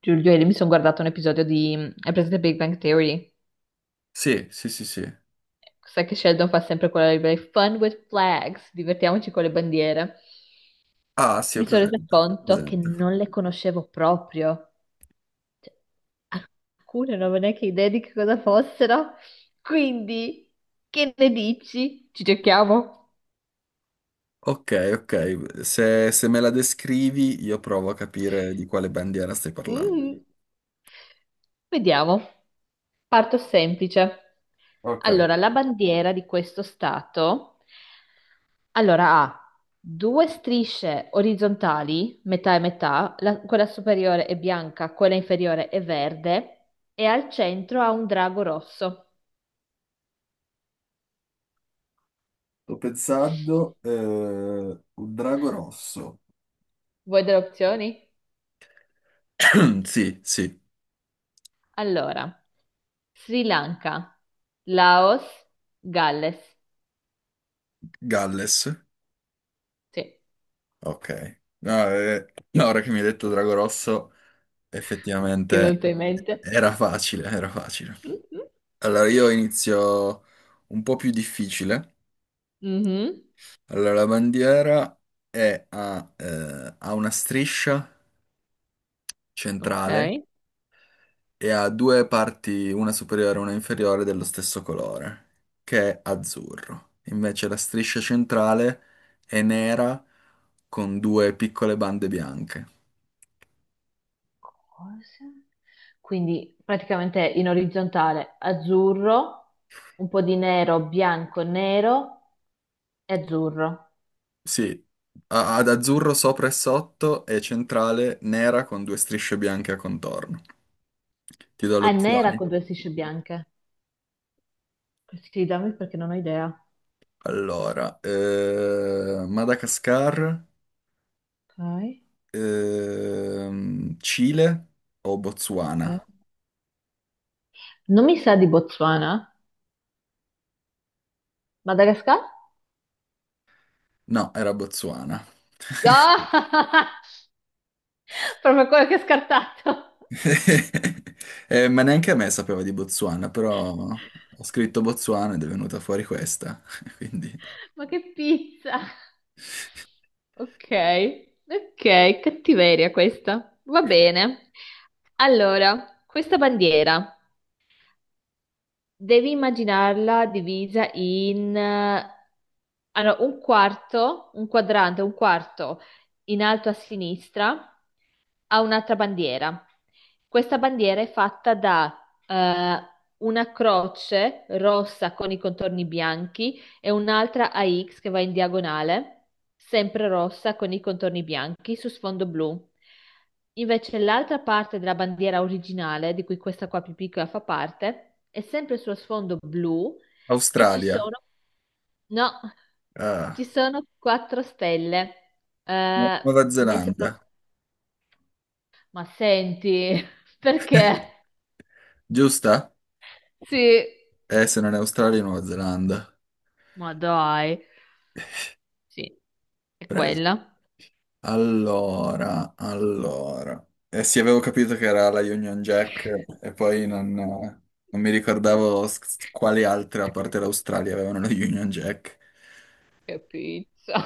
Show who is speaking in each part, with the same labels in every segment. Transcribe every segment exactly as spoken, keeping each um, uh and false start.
Speaker 1: Giulio, ieri mi sono guardato un episodio di... hai presente Big Bang Theory?
Speaker 2: Sì, sì, sì, sì.
Speaker 1: Sai che Sheldon fa sempre quella libera Fun with flags, divertiamoci con le bandiere.
Speaker 2: Ah, sì, ho
Speaker 1: Mi sono resa
Speaker 2: presente.
Speaker 1: conto che
Speaker 2: presente.
Speaker 1: non le conoscevo proprio. Alcune non avevo neanche idea di che cosa fossero. Quindi, che ne dici? Ci giochiamo?
Speaker 2: Ok, ok. Se, se me la descrivi, io provo a capire di quale bandiera stai parlando.
Speaker 1: Mm. Vediamo. Parto semplice.
Speaker 2: Ok,
Speaker 1: Allora, la bandiera di questo stato allora ha due strisce orizzontali, metà e metà, la- quella superiore è bianca, quella inferiore è verde e al centro ha un drago rosso.
Speaker 2: sto pensando eh, un drago rosso.
Speaker 1: Vuoi delle opzioni?
Speaker 2: Sì, sì.
Speaker 1: Allora, Sri Lanka, Laos, Galles.
Speaker 2: Galles.
Speaker 1: Sì,
Speaker 2: Ok. No, eh, no, ora che mi hai detto Drago Rosso,
Speaker 1: ti è
Speaker 2: effettivamente
Speaker 1: venuto in mente?
Speaker 2: era facile, era facile. Allora io inizio un po' più difficile.
Speaker 1: Mhm.
Speaker 2: Allora, la bandiera è a, eh, ha una striscia
Speaker 1: Ok.
Speaker 2: centrale e ha due parti, una superiore e una inferiore, dello stesso colore, che è azzurro. Invece la striscia centrale è nera con due piccole bande bianche.
Speaker 1: Cosa? Quindi praticamente in orizzontale azzurro, un po' di nero, bianco, nero e azzurro.
Speaker 2: Sì, ha- ad azzurro sopra e sotto e centrale nera con due strisce bianche a contorno. Ti do le
Speaker 1: Ah, è nera
Speaker 2: opzioni.
Speaker 1: con due strisce bianche. Questi dammi perché non ho idea.
Speaker 2: Allora, eh, Madagascar.
Speaker 1: Ok.
Speaker 2: Ehm, Cile o
Speaker 1: Eh.
Speaker 2: Botswana?
Speaker 1: Non mi sa di Botswana? Madagascar?
Speaker 2: No, era Botswana.
Speaker 1: Ah! Proprio quello che ho scartato.
Speaker 2: Eh, ma neanche a me sapeva di Botswana, però ho scritto Botswana ed è venuta fuori questa. Quindi
Speaker 1: Ma che pizza! Ok, ok, cattiveria questa. Va bene. Allora, questa bandiera. Devi immaginarla divisa in eh, allora, un quarto, un quadrante, un quarto in alto a sinistra, ha un'altra bandiera. Questa bandiera è fatta da eh, una croce rossa con i contorni bianchi e un'altra a X che va in diagonale, sempre rossa con i contorni bianchi su sfondo blu. Invece l'altra parte della bandiera originale, di cui questa qua più piccola fa parte, è sempre sullo sfondo blu e ci
Speaker 2: Australia,
Speaker 1: sono, no,
Speaker 2: ah,
Speaker 1: ci sono quattro stelle,
Speaker 2: Nu-
Speaker 1: eh,
Speaker 2: Nuova
Speaker 1: messe proprio.
Speaker 2: Zelanda,
Speaker 1: Ma senti, perché?
Speaker 2: giusta?
Speaker 1: Sì,
Speaker 2: Eh, se non è Australia, Nuova Zelanda.
Speaker 1: ma dai, sì, è
Speaker 2: Preso.
Speaker 1: quella.
Speaker 2: Allora, allora. Eh sì, avevo capito che era la Union Jack e poi non, non mi ricordavo s- quali altre, a parte l'Australia, avevano la Union Jack.
Speaker 1: Che pizza.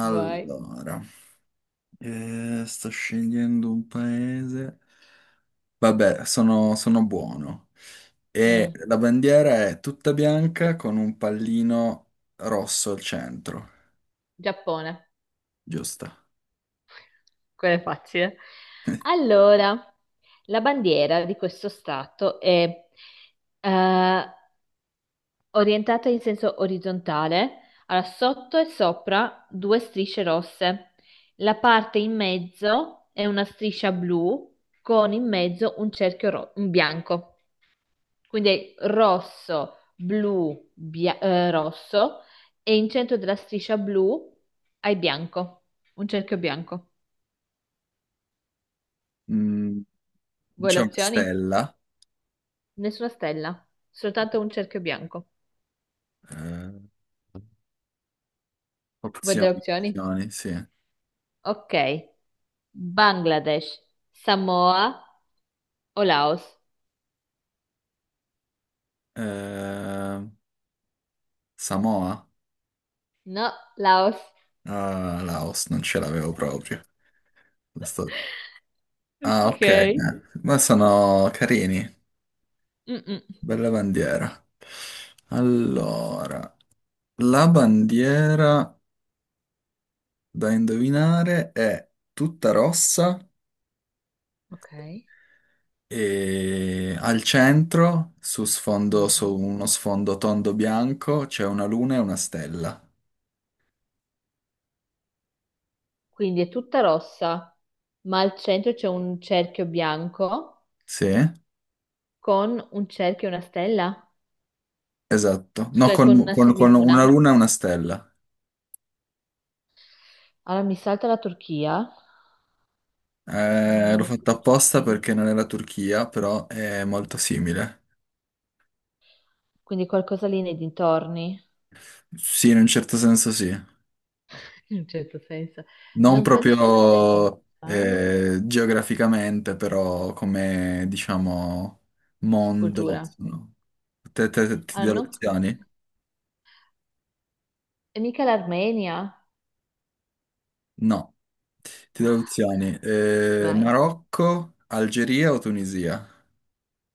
Speaker 1: Vai.
Speaker 2: eh, sto scegliendo un paese. Vabbè, sono, sono buono. E
Speaker 1: Mm.
Speaker 2: la bandiera è tutta bianca con un pallino rosso al centro,
Speaker 1: Giappone,
Speaker 2: giusta?
Speaker 1: quella è facile. Allora, la bandiera di questo stato è eh, orientata in senso orizzontale, allora sotto e sopra due strisce rosse. La parte in mezzo è una striscia blu con in mezzo un cerchio ro- un bianco. Quindi è rosso, blu, bia- eh, rosso e in centro della striscia blu hai bianco, un cerchio bianco.
Speaker 2: Mm,
Speaker 1: Vuoi le
Speaker 2: c'è una
Speaker 1: opzioni?
Speaker 2: stella.
Speaker 1: Nessuna stella, soltanto un cerchio bianco.
Speaker 2: eh,
Speaker 1: Vuoi delle
Speaker 2: opzioni,
Speaker 1: opzioni?
Speaker 2: opzioni, sì.
Speaker 1: Ok. Bangladesh, Samoa o Laos?
Speaker 2: Eh, Samoa?
Speaker 1: No, Laos.
Speaker 2: Ah, Laos, non ce l'avevo proprio. Questo- Ah, ok, eh,
Speaker 1: Ok.
Speaker 2: ma sono carini.
Speaker 1: Mm-mm.
Speaker 2: Bella bandiera. Allora, la bandiera da indovinare è tutta rossa
Speaker 1: Ok.
Speaker 2: e al centro, su sfondo, su
Speaker 1: Mhm.
Speaker 2: uno sfondo tondo bianco, c'è una luna e una stella.
Speaker 1: Quindi è tutta rossa, ma al centro c'è un cerchio bianco
Speaker 2: Sì,
Speaker 1: con un cerchio e una stella,
Speaker 2: esatto. No,
Speaker 1: scusa, con
Speaker 2: con,
Speaker 1: una
Speaker 2: con- con una
Speaker 1: semiluna.
Speaker 2: luna e una stella.
Speaker 1: Allora mi salta la Turchia, quindi
Speaker 2: Eh,
Speaker 1: non
Speaker 2: l'ho
Speaker 1: è più
Speaker 2: fatto
Speaker 1: la
Speaker 2: apposta
Speaker 1: Turchia.
Speaker 2: perché non è la Turchia, però è molto simile.
Speaker 1: Quindi qualcosa lì nei dintorni,
Speaker 2: Sì, in un certo senso sì.
Speaker 1: in un certo senso.
Speaker 2: Non
Speaker 1: Non credo sia la
Speaker 2: proprio
Speaker 1: Azerbaigian,
Speaker 2: eh, geograficamente, però come, diciamo, mondo.
Speaker 1: cultura.
Speaker 2: No? Te, te, te- ti
Speaker 1: Ah,
Speaker 2: do le
Speaker 1: non-
Speaker 2: opzioni?
Speaker 1: e mica l'Armenia.
Speaker 2: No, ti do le
Speaker 1: Ah, ok.
Speaker 2: opzioni. Eh,
Speaker 1: Vai.
Speaker 2: Marocco, Algeria o Tunisia?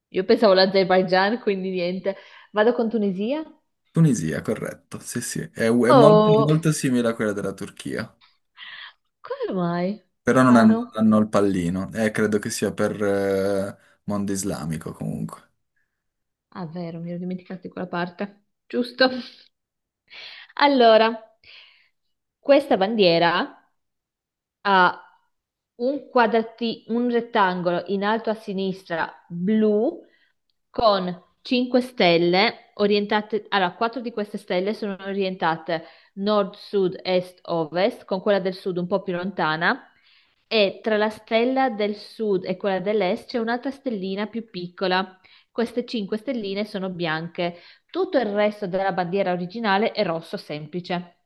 Speaker 1: Io pensavo l'Azerbaigian, quindi niente. Vado con Tunisia?
Speaker 2: Tunisia, corretto. Sì, sì. È, è molto,
Speaker 1: Oh,
Speaker 2: molto simile a quella della Turchia.
Speaker 1: come mai?
Speaker 2: Però non hanno,
Speaker 1: Strano.
Speaker 2: hanno il pallino. Eh, credo che sia per eh, mondo islamico comunque.
Speaker 1: Ah, vero, mi ero dimenticato di quella parte. Giusto. Allora, questa bandiera ha un quadrati- un rettangolo in alto a sinistra blu con cinque stelle orientate, allora quattro di queste stelle sono orientate nord, sud, est, ovest, con quella del sud un po' più lontana e tra la stella del sud e quella dell'est c'è un'altra stellina più piccola. Queste cinque stelline sono bianche. Tutto il resto della bandiera originale è rosso semplice.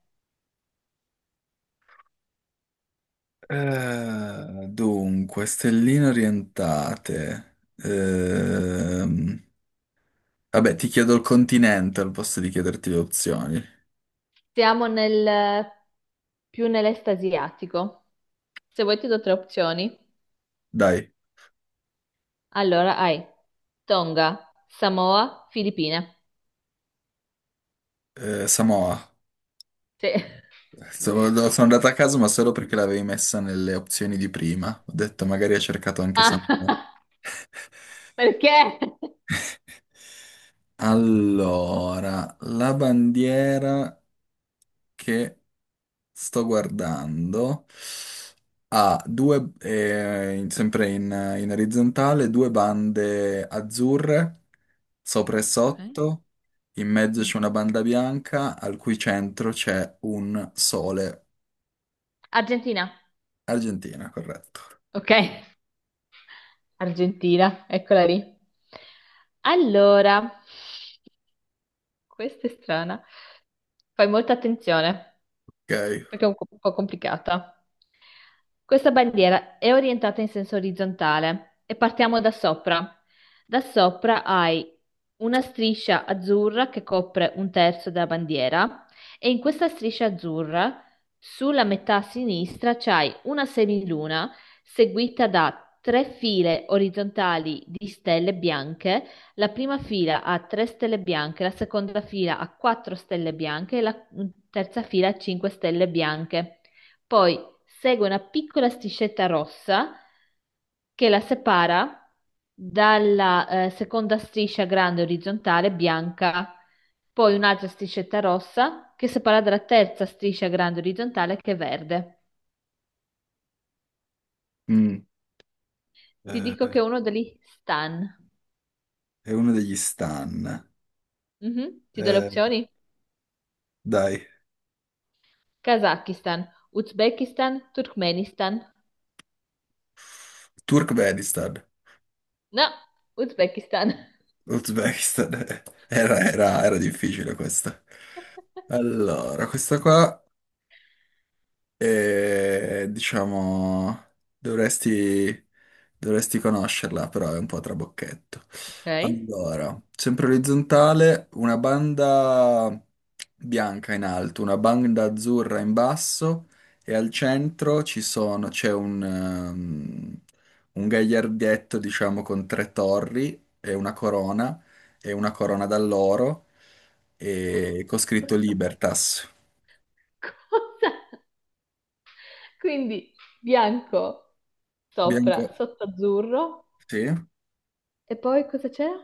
Speaker 2: Eh, dunque, stelline orientate. Ehm, vabbè, ti chiedo il continente al posto di chiederti le opzioni.
Speaker 1: Siamo nel, più nell'est asiatico. Se vuoi ti do tre opzioni.
Speaker 2: Dai,
Speaker 1: Allora hai Tonga, Samoa, Filippine.
Speaker 2: eh, Samoa.
Speaker 1: Sì.
Speaker 2: Sono, no, sono andato a caso, ma solo perché l'avevi messa nelle opzioni di prima. Ho detto, magari ha cercato anche Samoa.
Speaker 1: Ah, perché?
Speaker 2: Allora, la bandiera che sto guardando. Ha due, eh, in- sempre in, in orizzontale, due bande azzurre, sopra e
Speaker 1: Ok.
Speaker 2: sotto. In mezzo c'è una
Speaker 1: Mhm.
Speaker 2: banda bianca, al cui centro c'è un sole.
Speaker 1: Argentina.
Speaker 2: Argentina, corretto.
Speaker 1: Ok, Argentina, eccola lì. Allora, questa è strana. Fai molta attenzione.
Speaker 2: Ok.
Speaker 1: Perché è un po' un po' complicata. Questa bandiera è orientata in senso orizzontale e partiamo da sopra. Da sopra hai una striscia azzurra che copre un terzo della bandiera e in questa striscia azzurra, sulla metà sinistra, c'hai una semiluna seguita da tre file orizzontali di stelle bianche, la prima fila ha tre stelle bianche, la seconda fila ha quattro stelle bianche e la terza fila ha cinque stelle bianche. Poi segue una piccola striscetta rossa che la separa dalla eh, seconda striscia grande orizzontale bianca, poi un'altra striscetta rossa che separa dalla terza striscia grande orizzontale che è verde.
Speaker 2: Mm.
Speaker 1: Ti dico che
Speaker 2: Eh,
Speaker 1: è uno degli stan.
Speaker 2: è uno degli stan.
Speaker 1: Mhm. Ti do le
Speaker 2: Eh,
Speaker 1: opzioni?
Speaker 2: dai.
Speaker 1: Kazakistan, Uzbekistan, Turkmenistan.
Speaker 2: Turkmenistan.
Speaker 1: No, Uzbekistan.
Speaker 2: Uzbekistan. Era, era era difficile questa. Allora, questa qua. E diciamo, dovresti, dovresti conoscerla, però è un po' trabocchetto.
Speaker 1: Ok.
Speaker 2: Allora, sempre orizzontale, una banda bianca in alto, una banda azzurra in basso e al centro ci sono, c'è un, ehm, un gagliardetto, diciamo, con tre torri e una corona e una corona d'alloro e con scritto Libertas.
Speaker 1: Cosa? Quindi bianco sopra,
Speaker 2: Bianca,
Speaker 1: sotto azzurro.
Speaker 2: sì.
Speaker 1: E poi cosa c'era?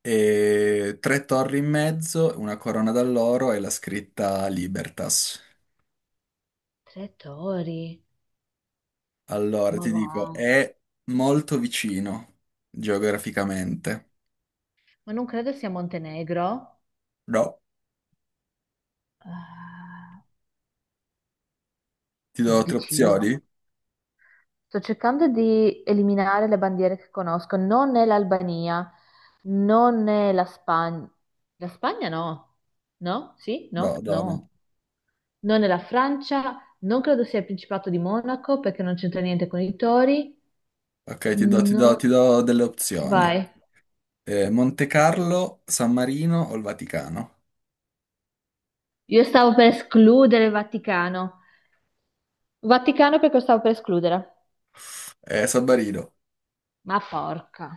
Speaker 2: E tre torri in mezzo, una corona d'alloro e la scritta Libertas.
Speaker 1: Tre tori.
Speaker 2: Allora,
Speaker 1: Ma
Speaker 2: ti
Speaker 1: va.
Speaker 2: dico, è molto vicino geograficamente.
Speaker 1: Ma non credo sia Montenegro.
Speaker 2: No,
Speaker 1: Ah,
Speaker 2: ti do tre opzioni?
Speaker 1: vicino. Sto cercando di eliminare le bandiere che conosco. Non è l'Albania, non è la Spagna. La Spagna no. No? Sì?
Speaker 2: No,
Speaker 1: No?
Speaker 2: no, no.
Speaker 1: No. Non nella Francia, non credo sia il Principato di Monaco perché non c'entra niente con i tori.
Speaker 2: Ok, ti do, ti do-
Speaker 1: No,
Speaker 2: ti do delle opzioni.
Speaker 1: vai.
Speaker 2: Eh, Monte Carlo, San Marino o il Vaticano?
Speaker 1: Io stavo per escludere il Vaticano, Vaticano perché lo stavo per escludere.
Speaker 2: Eh, San Marino.
Speaker 1: Ma porca.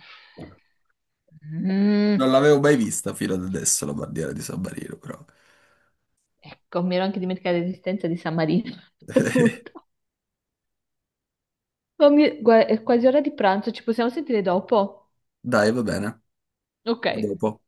Speaker 1: Mm.
Speaker 2: Non l'avevo mai vista fino ad adesso la bandiera di San Marino, però.
Speaker 1: Ecco, mi ero anche dimenticata l'esistenza di San Marino. Appunto. Ma mi- gua- è quasi ora di pranzo, ci possiamo sentire dopo?
Speaker 2: Dai, va bene. A
Speaker 1: Ok.
Speaker 2: dopo.